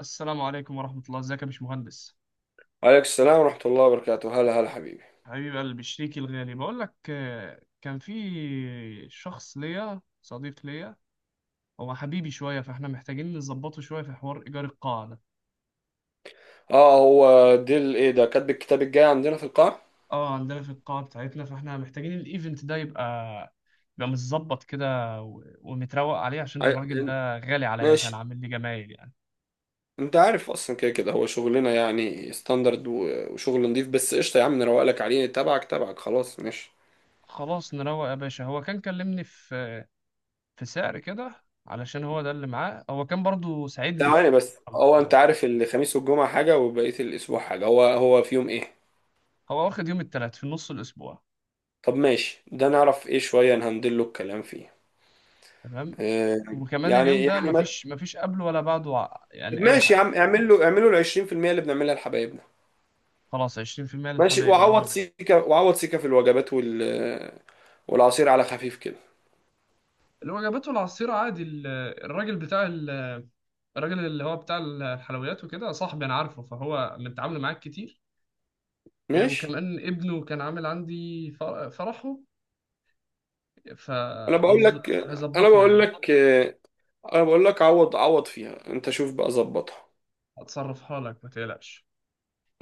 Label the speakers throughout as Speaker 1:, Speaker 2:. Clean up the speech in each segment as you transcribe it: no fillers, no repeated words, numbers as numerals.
Speaker 1: السلام عليكم ورحمة الله، ازيك يا باشمهندس؟
Speaker 2: عليك السلام ورحمة الله وبركاته. هلا هلا حبيبي.
Speaker 1: حبيب قلبي، شريكي الغالي. بقول لك كان في شخص ليا، صديق ليا، هو حبيبي شوية، فاحنا محتاجين نظبطه شوية في حوار إيجار القاعة ده.
Speaker 2: اه، هو ديل ايه ده؟ كاتب الكتاب الجاي عندنا في القاعة؟
Speaker 1: اه، عندنا في القاعة بتاعتنا، فاحنا محتاجين الإيفنت ده يبقى متظبط كده و- ومتروق عليه، عشان الراجل
Speaker 2: عي-
Speaker 1: ده غالي عليا، كان
Speaker 2: ماشي.
Speaker 1: عامل لي جمايل يعني.
Speaker 2: انت عارف اصلا، كده كده هو شغلنا يعني ستاندرد وشغل نضيف. بس قشطة يا عم، نروقلك عليه، تبعك تبعك، خلاص ماشي.
Speaker 1: خلاص نروق يا باشا. هو كان كلمني في سعر كده، علشان هو ده اللي معاه، هو كان برضو ساعدني في...
Speaker 2: تعالى بس، هو انت عارف الخميس والجمعة حاجة وبقية الاسبوع حاجة، هو في يوم ايه؟
Speaker 1: هو واخد يوم التلات في نص الأسبوع.
Speaker 2: طب ماشي، ده نعرف ايه شوية نهندل له الكلام فيه.
Speaker 1: تمام.
Speaker 2: آه.
Speaker 1: وكمان
Speaker 2: يعني
Speaker 1: اليوم ده
Speaker 2: يعني ما...
Speaker 1: مفيش قبله ولا بعده
Speaker 2: طب
Speaker 1: يعني أي
Speaker 2: ماشي يا
Speaker 1: حاجة.
Speaker 2: عم، اعمل له ال 20% اللي بنعملها لحبايبنا.
Speaker 1: خلاص 20%
Speaker 2: ماشي،
Speaker 1: للحبايب، اللي
Speaker 2: وعوض
Speaker 1: هم
Speaker 2: سيكا، وعوض سيكا في الوجبات والعصير، على خفيف كده.
Speaker 1: اللي هو جابته. العصير عادي، الراجل بتاع ال- الراجل اللي هو بتاع الحلويات وكده صاحبي، أنا عارفه، فهو متعامل معاك كتير. إيه،
Speaker 2: ماشي.
Speaker 1: وكمان ابنه كان عامل عندي فرحه،
Speaker 2: انا بقول لك انا
Speaker 1: فهيظبطنا
Speaker 2: بقول
Speaker 1: يعني.
Speaker 2: لك انا بقول لك عوض فيها، انت شوف بقى ظبطها.
Speaker 1: هتصرفها لك ما تقلقش.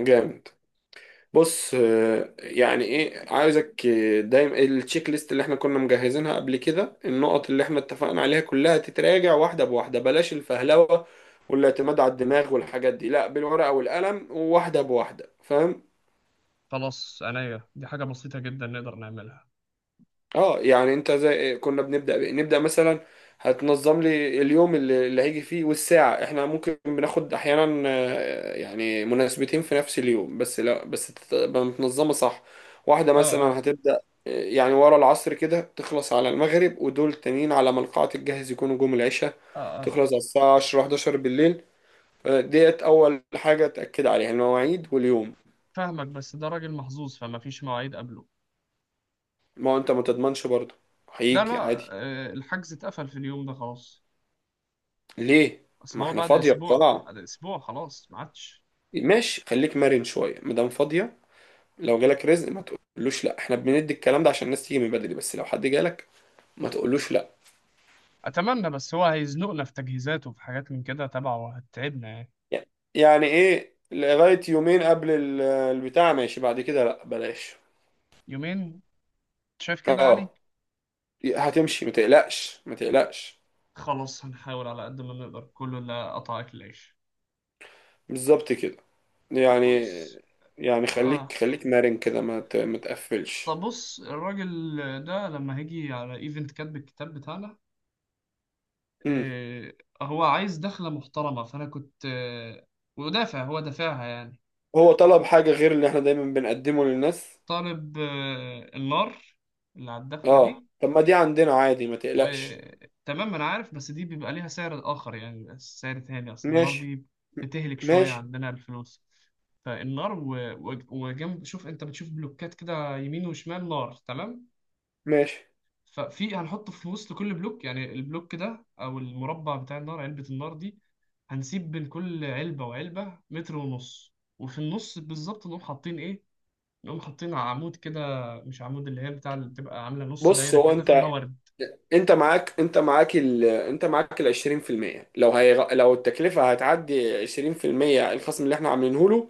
Speaker 2: جامد. بص، يعني ايه عايزك، دايما التشيك ليست اللي احنا كنا مجهزينها قبل كده، النقط اللي احنا اتفقنا عليها كلها تتراجع واحده بواحده. بلاش الفهلوه والاعتماد على الدماغ والحاجات دي، لا، بالورقه والقلم وواحده بواحده، فاهم؟
Speaker 1: خلاص عينيا، دي حاجة بسيطة جدا نقدر نعملها.
Speaker 2: اه، يعني انت زي كنا بنبدأ بإيه؟ نبدأ مثلا هتنظم لي اليوم اللي هيجي فيه، والساعة. احنا ممكن بناخد احيانا، يعني، مناسبتين في نفس اليوم، بس لا، بس تبقى متنظمة صح. واحدة
Speaker 1: اه اه
Speaker 2: مثلا هتبدأ يعني ورا العصر كده، تخلص على المغرب، ودول تانيين على ما القاعة تتجهز يكونوا جم العشاء،
Speaker 1: اه. آه.
Speaker 2: تخلص على الساعة 10 11 بالليل. ديت أول حاجة، تأكد عليها المواعيد واليوم.
Speaker 1: فاهمك، بس ده راجل محظوظ، فما فيش مواعيد قبله.
Speaker 2: ما هو أنت ما تضمنش برضه،
Speaker 1: لا لا،
Speaker 2: هيجي عادي.
Speaker 1: الحجز اتقفل في اليوم ده خلاص.
Speaker 2: ليه؟
Speaker 1: اصل
Speaker 2: ما
Speaker 1: هو
Speaker 2: احنا
Speaker 1: بعد
Speaker 2: فاضية
Speaker 1: اسبوع
Speaker 2: القاعة.
Speaker 1: بعد اسبوع خلاص ما عادش.
Speaker 2: ماشي، خليك مرن شويه مدام فاضيه. لو جالك رزق ما تقولوش لا. احنا بندي الكلام ده عشان الناس تيجي من بدري، بس لو حد جالك ما تقولوش لا.
Speaker 1: اتمنى، بس هو هيزنقنا في تجهيزات وفي حاجات من كده تبعه، وهتتعبنا يعني.
Speaker 2: يعني ايه، لغايه يومين قبل البتاع ماشي، بعد كده لا بلاش.
Speaker 1: يومين. شايف كده يعني.
Speaker 2: اه، هتمشي ما تقلقش ما تقلقش.
Speaker 1: خلاص هنحاول على قد ما نقدر، كله لا قطع اكل العيش.
Speaker 2: بالظبط كده.
Speaker 1: طب
Speaker 2: يعني
Speaker 1: بص
Speaker 2: خليك
Speaker 1: اه
Speaker 2: مرن كده، ما تقفلش.
Speaker 1: طب بص الراجل ده لما هيجي على ايفنت كاتب الكتاب بتاعنا.
Speaker 2: امم.
Speaker 1: آه هو عايز دخلة محترمة، فانا كنت ودافع، هو دافعها يعني.
Speaker 2: هو طلب حاجه غير اللي احنا دايما بنقدمه للناس؟
Speaker 1: طالب النار اللي على الدخلة
Speaker 2: اه،
Speaker 1: دي.
Speaker 2: طب ما دي عندنا عادي ما تقلقش.
Speaker 1: وتمام أنا عارف، بس دي بيبقى ليها سعر آخر يعني، بيبقى سعر تاني، أصل النار
Speaker 2: ماشي
Speaker 1: دي بتهلك شوية
Speaker 2: ماشي
Speaker 1: عندنا الفلوس. فالنار وجنب. شوف أنت بتشوف بلوكات كده يمين وشمال نار، تمام.
Speaker 2: ماشي.
Speaker 1: ففي هنحط في وسط كل بلوك، يعني البلوك ده أو المربع بتاع النار، علبة النار دي. هنسيب بين كل علبة وعلبة متر ونص، وفي النص بالظبط نقوم حاطين إيه؟ يقوم حاطين عمود كده. مش عمود، اللي هي بتاع اللي بتبقى عاملة نص
Speaker 2: بص،
Speaker 1: دايرة
Speaker 2: هو
Speaker 1: كده فيها
Speaker 2: انت
Speaker 1: ورد.
Speaker 2: انت معاك ال 20%، لو هي لو التكلفة هتعدي 20% الخصم اللي احنا عاملينه له،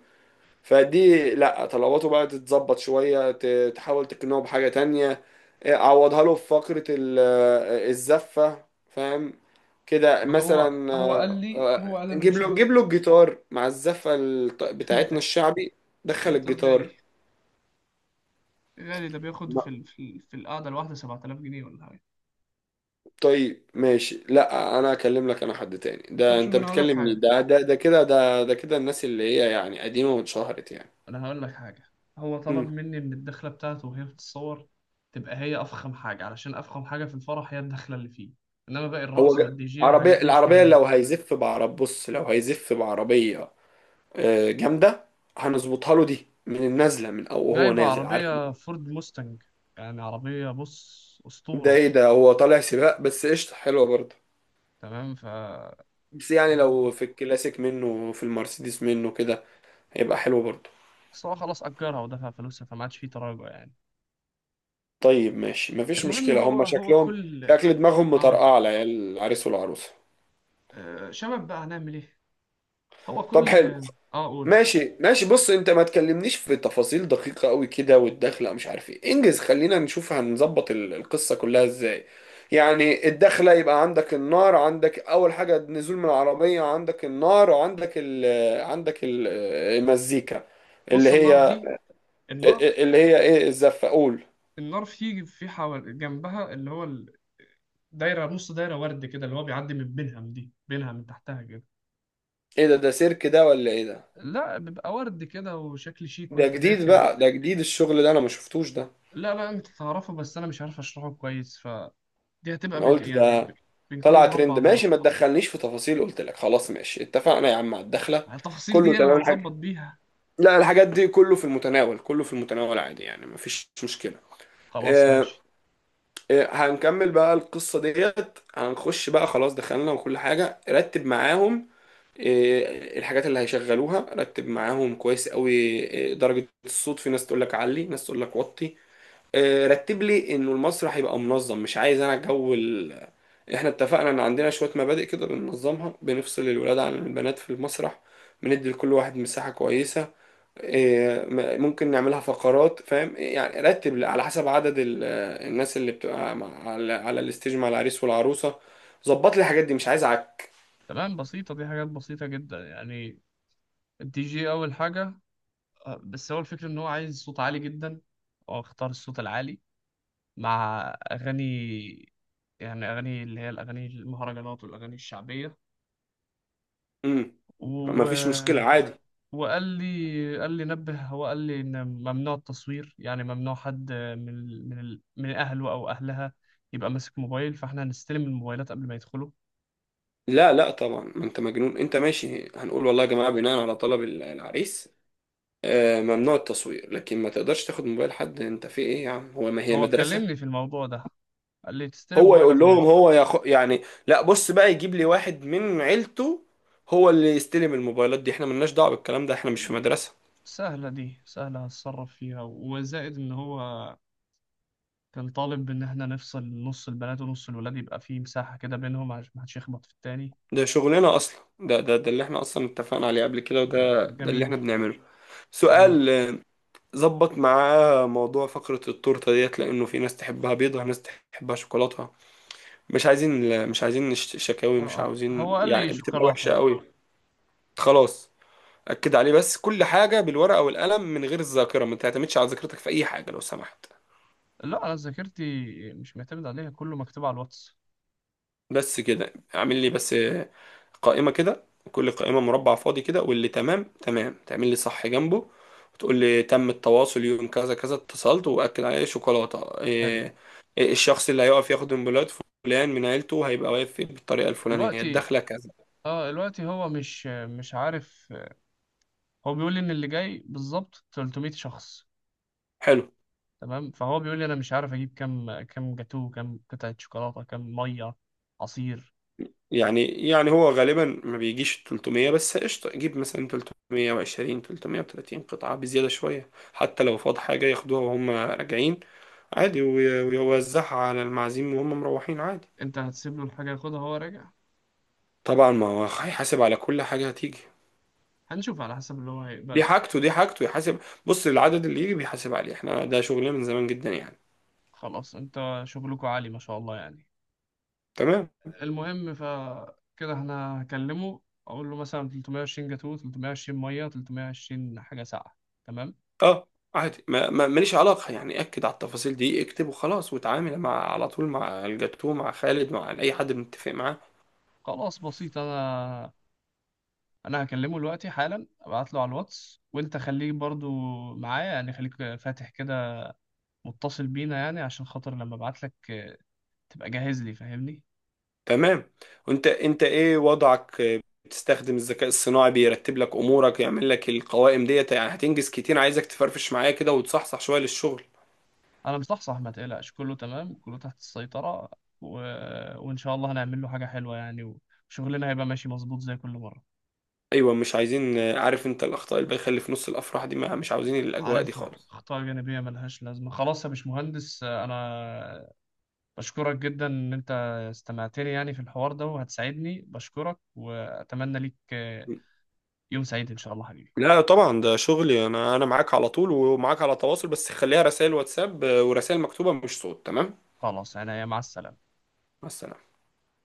Speaker 2: فدي لا، طلباته بقى تتظبط شوية، تحاول تقنعه بحاجة تانية. اه، عوضها له في فقرة الزفة، فاهم؟ كده
Speaker 1: ما هو
Speaker 2: مثلا،
Speaker 1: هو قال
Speaker 2: اه،
Speaker 1: لي
Speaker 2: اه،
Speaker 1: هو قال أنا
Speaker 2: نجيب
Speaker 1: مش
Speaker 2: له
Speaker 1: محتاج.
Speaker 2: نجيب له الجيتار مع الزفة بتاعتنا
Speaker 1: فهمتك.
Speaker 2: الشعبي.
Speaker 1: بس
Speaker 2: دخل
Speaker 1: الجيتار
Speaker 2: الجيتار.
Speaker 1: غالي. غالي، ده بياخد في القعدة الواحدة 7000 جنيه ولا حاجة.
Speaker 2: طيب ماشي، لا انا اكلم لك انا حد تاني.
Speaker 1: طب
Speaker 2: ده
Speaker 1: شوف،
Speaker 2: انت
Speaker 1: أنا هقول لك
Speaker 2: بتكلم مين؟
Speaker 1: حاجة
Speaker 2: ده كده الناس اللي هي يعني قديمة واتشهرت يعني.
Speaker 1: أنا هقول لك حاجة هو طلب
Speaker 2: مم.
Speaker 1: مني إن الدخلة بتاعته وهي بتتصور تبقى هي أفخم حاجة، علشان أفخم حاجة في الفرح هي الدخلة اللي فيه. إنما باقي
Speaker 2: هو
Speaker 1: الرقص
Speaker 2: ج-
Speaker 1: والدي جي
Speaker 2: عربية.
Speaker 1: والحاجات دي مش
Speaker 2: العربية
Speaker 1: مهمة.
Speaker 2: لو هيزف بعرب، بص لو هيزف بعربية، جامدة، هنظبطها له دي من النازلة، من او هو
Speaker 1: جايب
Speaker 2: نازل، عارف.
Speaker 1: عربية فورد موستنج، يعني عربية بص
Speaker 2: ده
Speaker 1: أسطورة.
Speaker 2: ايه ده؟ هو طالع سباق؟ بس قشطة حلوة برضه.
Speaker 1: تمام. ف
Speaker 2: بس يعني
Speaker 1: هو
Speaker 2: لو في الكلاسيك منه، في المرسيدس منه كده، هيبقى حلو برضه.
Speaker 1: اصل هو خلاص اجرها ودفع فلوسها، فما عادش فيه تراجع يعني.
Speaker 2: طيب ماشي مفيش
Speaker 1: المهم
Speaker 2: مشكلة.
Speaker 1: هو
Speaker 2: هما
Speaker 1: هو
Speaker 2: شكلهم،
Speaker 1: كل
Speaker 2: شكل دماغهم
Speaker 1: اه
Speaker 2: مطرقعة العيال، العريس والعروسة.
Speaker 1: آه، شباب بقى هنعمل ايه؟ هو
Speaker 2: طب
Speaker 1: كل
Speaker 2: حلو.
Speaker 1: اه آه، قول.
Speaker 2: ماشي ماشي. بص انت، ما تكلمنيش في تفاصيل دقيقة قوي كده، والدخلة مش عارف ايه، انجز. خلينا نشوف هنظبط القصة كلها ازاي. يعني الدخلة يبقى عندك النار، عندك اول حاجة النزول من العربية، عندك النار، وعندك عندك ال- المزيكا اللي
Speaker 1: بص النار
Speaker 2: هي
Speaker 1: دي، النار
Speaker 2: ايه، الزفة، قول.
Speaker 1: النار في حوال جنبها اللي هو دايره، نص دايره ورد كده، اللي هو بيعدي من بينهم، دي بينها من تحتها كده.
Speaker 2: ايه ده، ده سيرك ده ولا ايه ده؟
Speaker 1: لا بيبقى ورد كده وشكل شيك
Speaker 2: ده
Speaker 1: وانت
Speaker 2: جديد
Speaker 1: داخل.
Speaker 2: بقى، ده جديد الشغل ده انا ما شفتوش ده.
Speaker 1: لا لا، انت تعرفه، بس انا مش عارف اشرحه كويس. فدي هتبقى
Speaker 2: انا قلت ده
Speaker 1: بين كل
Speaker 2: طلع
Speaker 1: مربع
Speaker 2: ترند. ماشي،
Speaker 1: نار.
Speaker 2: ما تدخلنيش في تفاصيل، قلت لك خلاص ماشي، اتفقنا يا عم على الدخلة،
Speaker 1: التفاصيل دي
Speaker 2: كله
Speaker 1: هي اللي
Speaker 2: تمام
Speaker 1: هنظبط
Speaker 2: الحاجة.
Speaker 1: بيها.
Speaker 2: لا، الحاجات دي كله في المتناول، كله في المتناول، عادي يعني مفيش مشكلة.
Speaker 1: خلاص
Speaker 2: آه.
Speaker 1: ماشي.
Speaker 2: هنكمل بقى القصة ديت. هنخش بقى، خلاص دخلنا، وكل حاجة رتب معاهم. الحاجات اللي هيشغلوها رتب معاهم كويس قوي. درجة الصوت، في ناس تقول لك علي، ناس تقول لك وطي. رتب لي انه المسرح يبقى منظم، مش عايز انا جو احنا اتفقنا ان عندنا شوية مبادئ كده بننظمها، بنفصل الولاد عن البنات في المسرح، بندي لكل واحد مساحة كويسة. ممكن نعملها فقرات، فاهم يعني. رتب لي على حسب عدد الناس اللي بتبقى على الستيج مع العريس والعروسة. ظبط لي الحاجات دي، مش عايز عك.
Speaker 1: تمام، بسيطة، دي حاجات بسيطة جدا يعني. الدي جي أول حاجة. بس هو الفكرة إن هو عايز صوت عالي جدا، هو اختار الصوت العالي مع أغاني، يعني أغاني اللي هي الأغاني المهرجانات والأغاني الشعبية.
Speaker 2: امم.
Speaker 1: و...
Speaker 2: مفيش مشكلة عادي.
Speaker 1: وقال لي، قال لي نبه، هو قال لي إن ممنوع التصوير، يعني ممنوع حد من أهله أو أهلها يبقى ماسك موبايل، فإحنا هنستلم الموبايلات قبل ما يدخلوا.
Speaker 2: لا لا طبعا، ما انت مجنون انت؟ ماشي، هنقول والله يا جماعة بناء على طلب العريس، ممنوع التصوير، لكن ما تقدرش تاخد موبايل حد. انت في ايه يا عم، هو ما هي
Speaker 1: هو
Speaker 2: مدرسة؟
Speaker 1: كلمني في الموضوع ده، قال لي تستلم
Speaker 2: هو
Speaker 1: موبايل
Speaker 2: يقول
Speaker 1: قبل ما
Speaker 2: لهم،
Speaker 1: يدخل.
Speaker 2: يعني لا، بص بقى، يجيب لي واحد من عيلته هو اللي يستلم الموبايلات دي، احنا ملناش دعوة بالكلام ده، احنا مش في مدرسة.
Speaker 1: سهلة، دي سهلة هتصرف فيها. وزائد إن هو كان طالب إن إحنا نفصل نص البنات ونص الولاد، يبقى فيه مساحة كده بينهم عشان محدش يخبط في التاني.
Speaker 2: ده شغلنا اصلا، ده اللي احنا اصلا اتفقنا عليه قبل كده،
Speaker 1: ده
Speaker 2: وده اللي
Speaker 1: جميل.
Speaker 2: احنا بنعمله.
Speaker 1: جميل.
Speaker 2: سؤال، ظبط معاه موضوع فقرة التورتة ديت، لانه في ناس تحبها بيضة، ناس تحبها شوكولاتة. مش عايزين مش عايزين شكاوي،
Speaker 1: آه
Speaker 2: مش
Speaker 1: آه،
Speaker 2: عاوزين،
Speaker 1: هو قال لي
Speaker 2: يعني بتبقى وحشة
Speaker 1: شوكولاتة.
Speaker 2: قوي. خلاص. أكد عليه، بس كل حاجة بالورقة والقلم من غير الذاكرة. ما تعتمدش على ذاكرتك في أي حاجة لو سمحت.
Speaker 1: لا، أنا ذاكرتي مش معتمد عليها، كله مكتوب على الواتس.
Speaker 2: بس كده، اعمل لي قائمة كده، كل قائمة مربع فاضي كده، واللي تمام تعمل لي صح جنبه، وتقول لي تم التواصل يوم كذا كذا، اتصلت وأكد عليه شوكولاتة
Speaker 1: حلو.
Speaker 2: إيه، إيه الشخص اللي هيقف ياخد من بلاد، فلان من عيلته هيبقى واقف بالطريقة الفلانية،
Speaker 1: دلوقتي
Speaker 2: الدخلة كذا.
Speaker 1: دلوقتي هو مش عارف. هو بيقول لي إن اللي جاي بالظبط 300 شخص.
Speaker 2: حلو.
Speaker 1: تمام. فهو بيقول لي أنا مش عارف أجيب كام جاتوه، كام قطعة شوكولاتة، كام مية عصير.
Speaker 2: يعني هو غالبا ما بيجيش 300، بس قشطة جيب مثلا 320 330 قطعة بزيادة شوية، حتى لو فاض حاجة ياخدوها وهم راجعين عادي، ويوزعها على المعازيم وهم مروحين عادي.
Speaker 1: انت هتسيب له الحاجة ياخدها وهو راجع.
Speaker 2: طبعا، ما هو هيحاسب على كل حاجة هتيجي.
Speaker 1: هنشوف على حسب اللي هو هيقبله
Speaker 2: دي
Speaker 1: يعني.
Speaker 2: حاجته، يحاسب. بص العدد اللي يجي بيحاسب عليه، احنا ده شغلنا من زمان جدا يعني.
Speaker 1: خلاص، انت شغلكوا عالي ما شاء الله يعني.
Speaker 2: تمام.
Speaker 1: المهم كده احنا هكلمه، اقول له مثلا 320 جاتوه، 320 مية، 320 حاجة ساقعة، تمام.
Speaker 2: اه، عادي، ماليش علاقة يعني. أكد على التفاصيل دي، اكتب وخلاص، وتعامل مع على طول مع الجاتوه، مع خالد، مع أي حد متفق معاه.
Speaker 1: خلاص بسيط. انا هكلمه دلوقتي حالا، ابعت له على الواتس، وانت خليك برضو معايا يعني، خليك فاتح كده متصل بينا يعني، عشان خاطر لما ابعت لك تبقى جاهز لي، فاهمني.
Speaker 2: تمام. وانت ايه وضعك؟ بتستخدم الذكاء الصناعي بيرتب لك امورك، يعمل لك القوائم ديت، يعني هتنجز كتير. عايزك تفرفش معايا كده وتصحصح شويه للشغل.
Speaker 1: انا مصحصح ما تقلقش، كله تمام، كله تحت السيطرة. و... وان شاء الله هنعمل له حاجة حلوة يعني، وشغلنا هيبقى ماشي مظبوط زي كل مرة.
Speaker 2: ايوه، مش عايزين، عارف انت الاخطاء اللي بيخلي في نص الافراح دي، ما مش عاوزين الاجواء دي
Speaker 1: عارفها،
Speaker 2: خالص.
Speaker 1: أخطاء جانبية ملهاش لازمة. خلاص يا باشمهندس، أنا بشكرك جدا إن أنت استمعتني يعني في الحوار ده، وهتساعدني، بشكرك، وأتمنى ليك يوم سعيد إن شاء الله حبيبي.
Speaker 2: لا طبعا، ده شغلي انا، انا معاك على طول، ومعاك على تواصل، بس خليها رسائل واتساب ورسائل مكتوبه مش صوت، تمام؟
Speaker 1: خلاص، أنا مع السلامة.
Speaker 2: مع السلامة.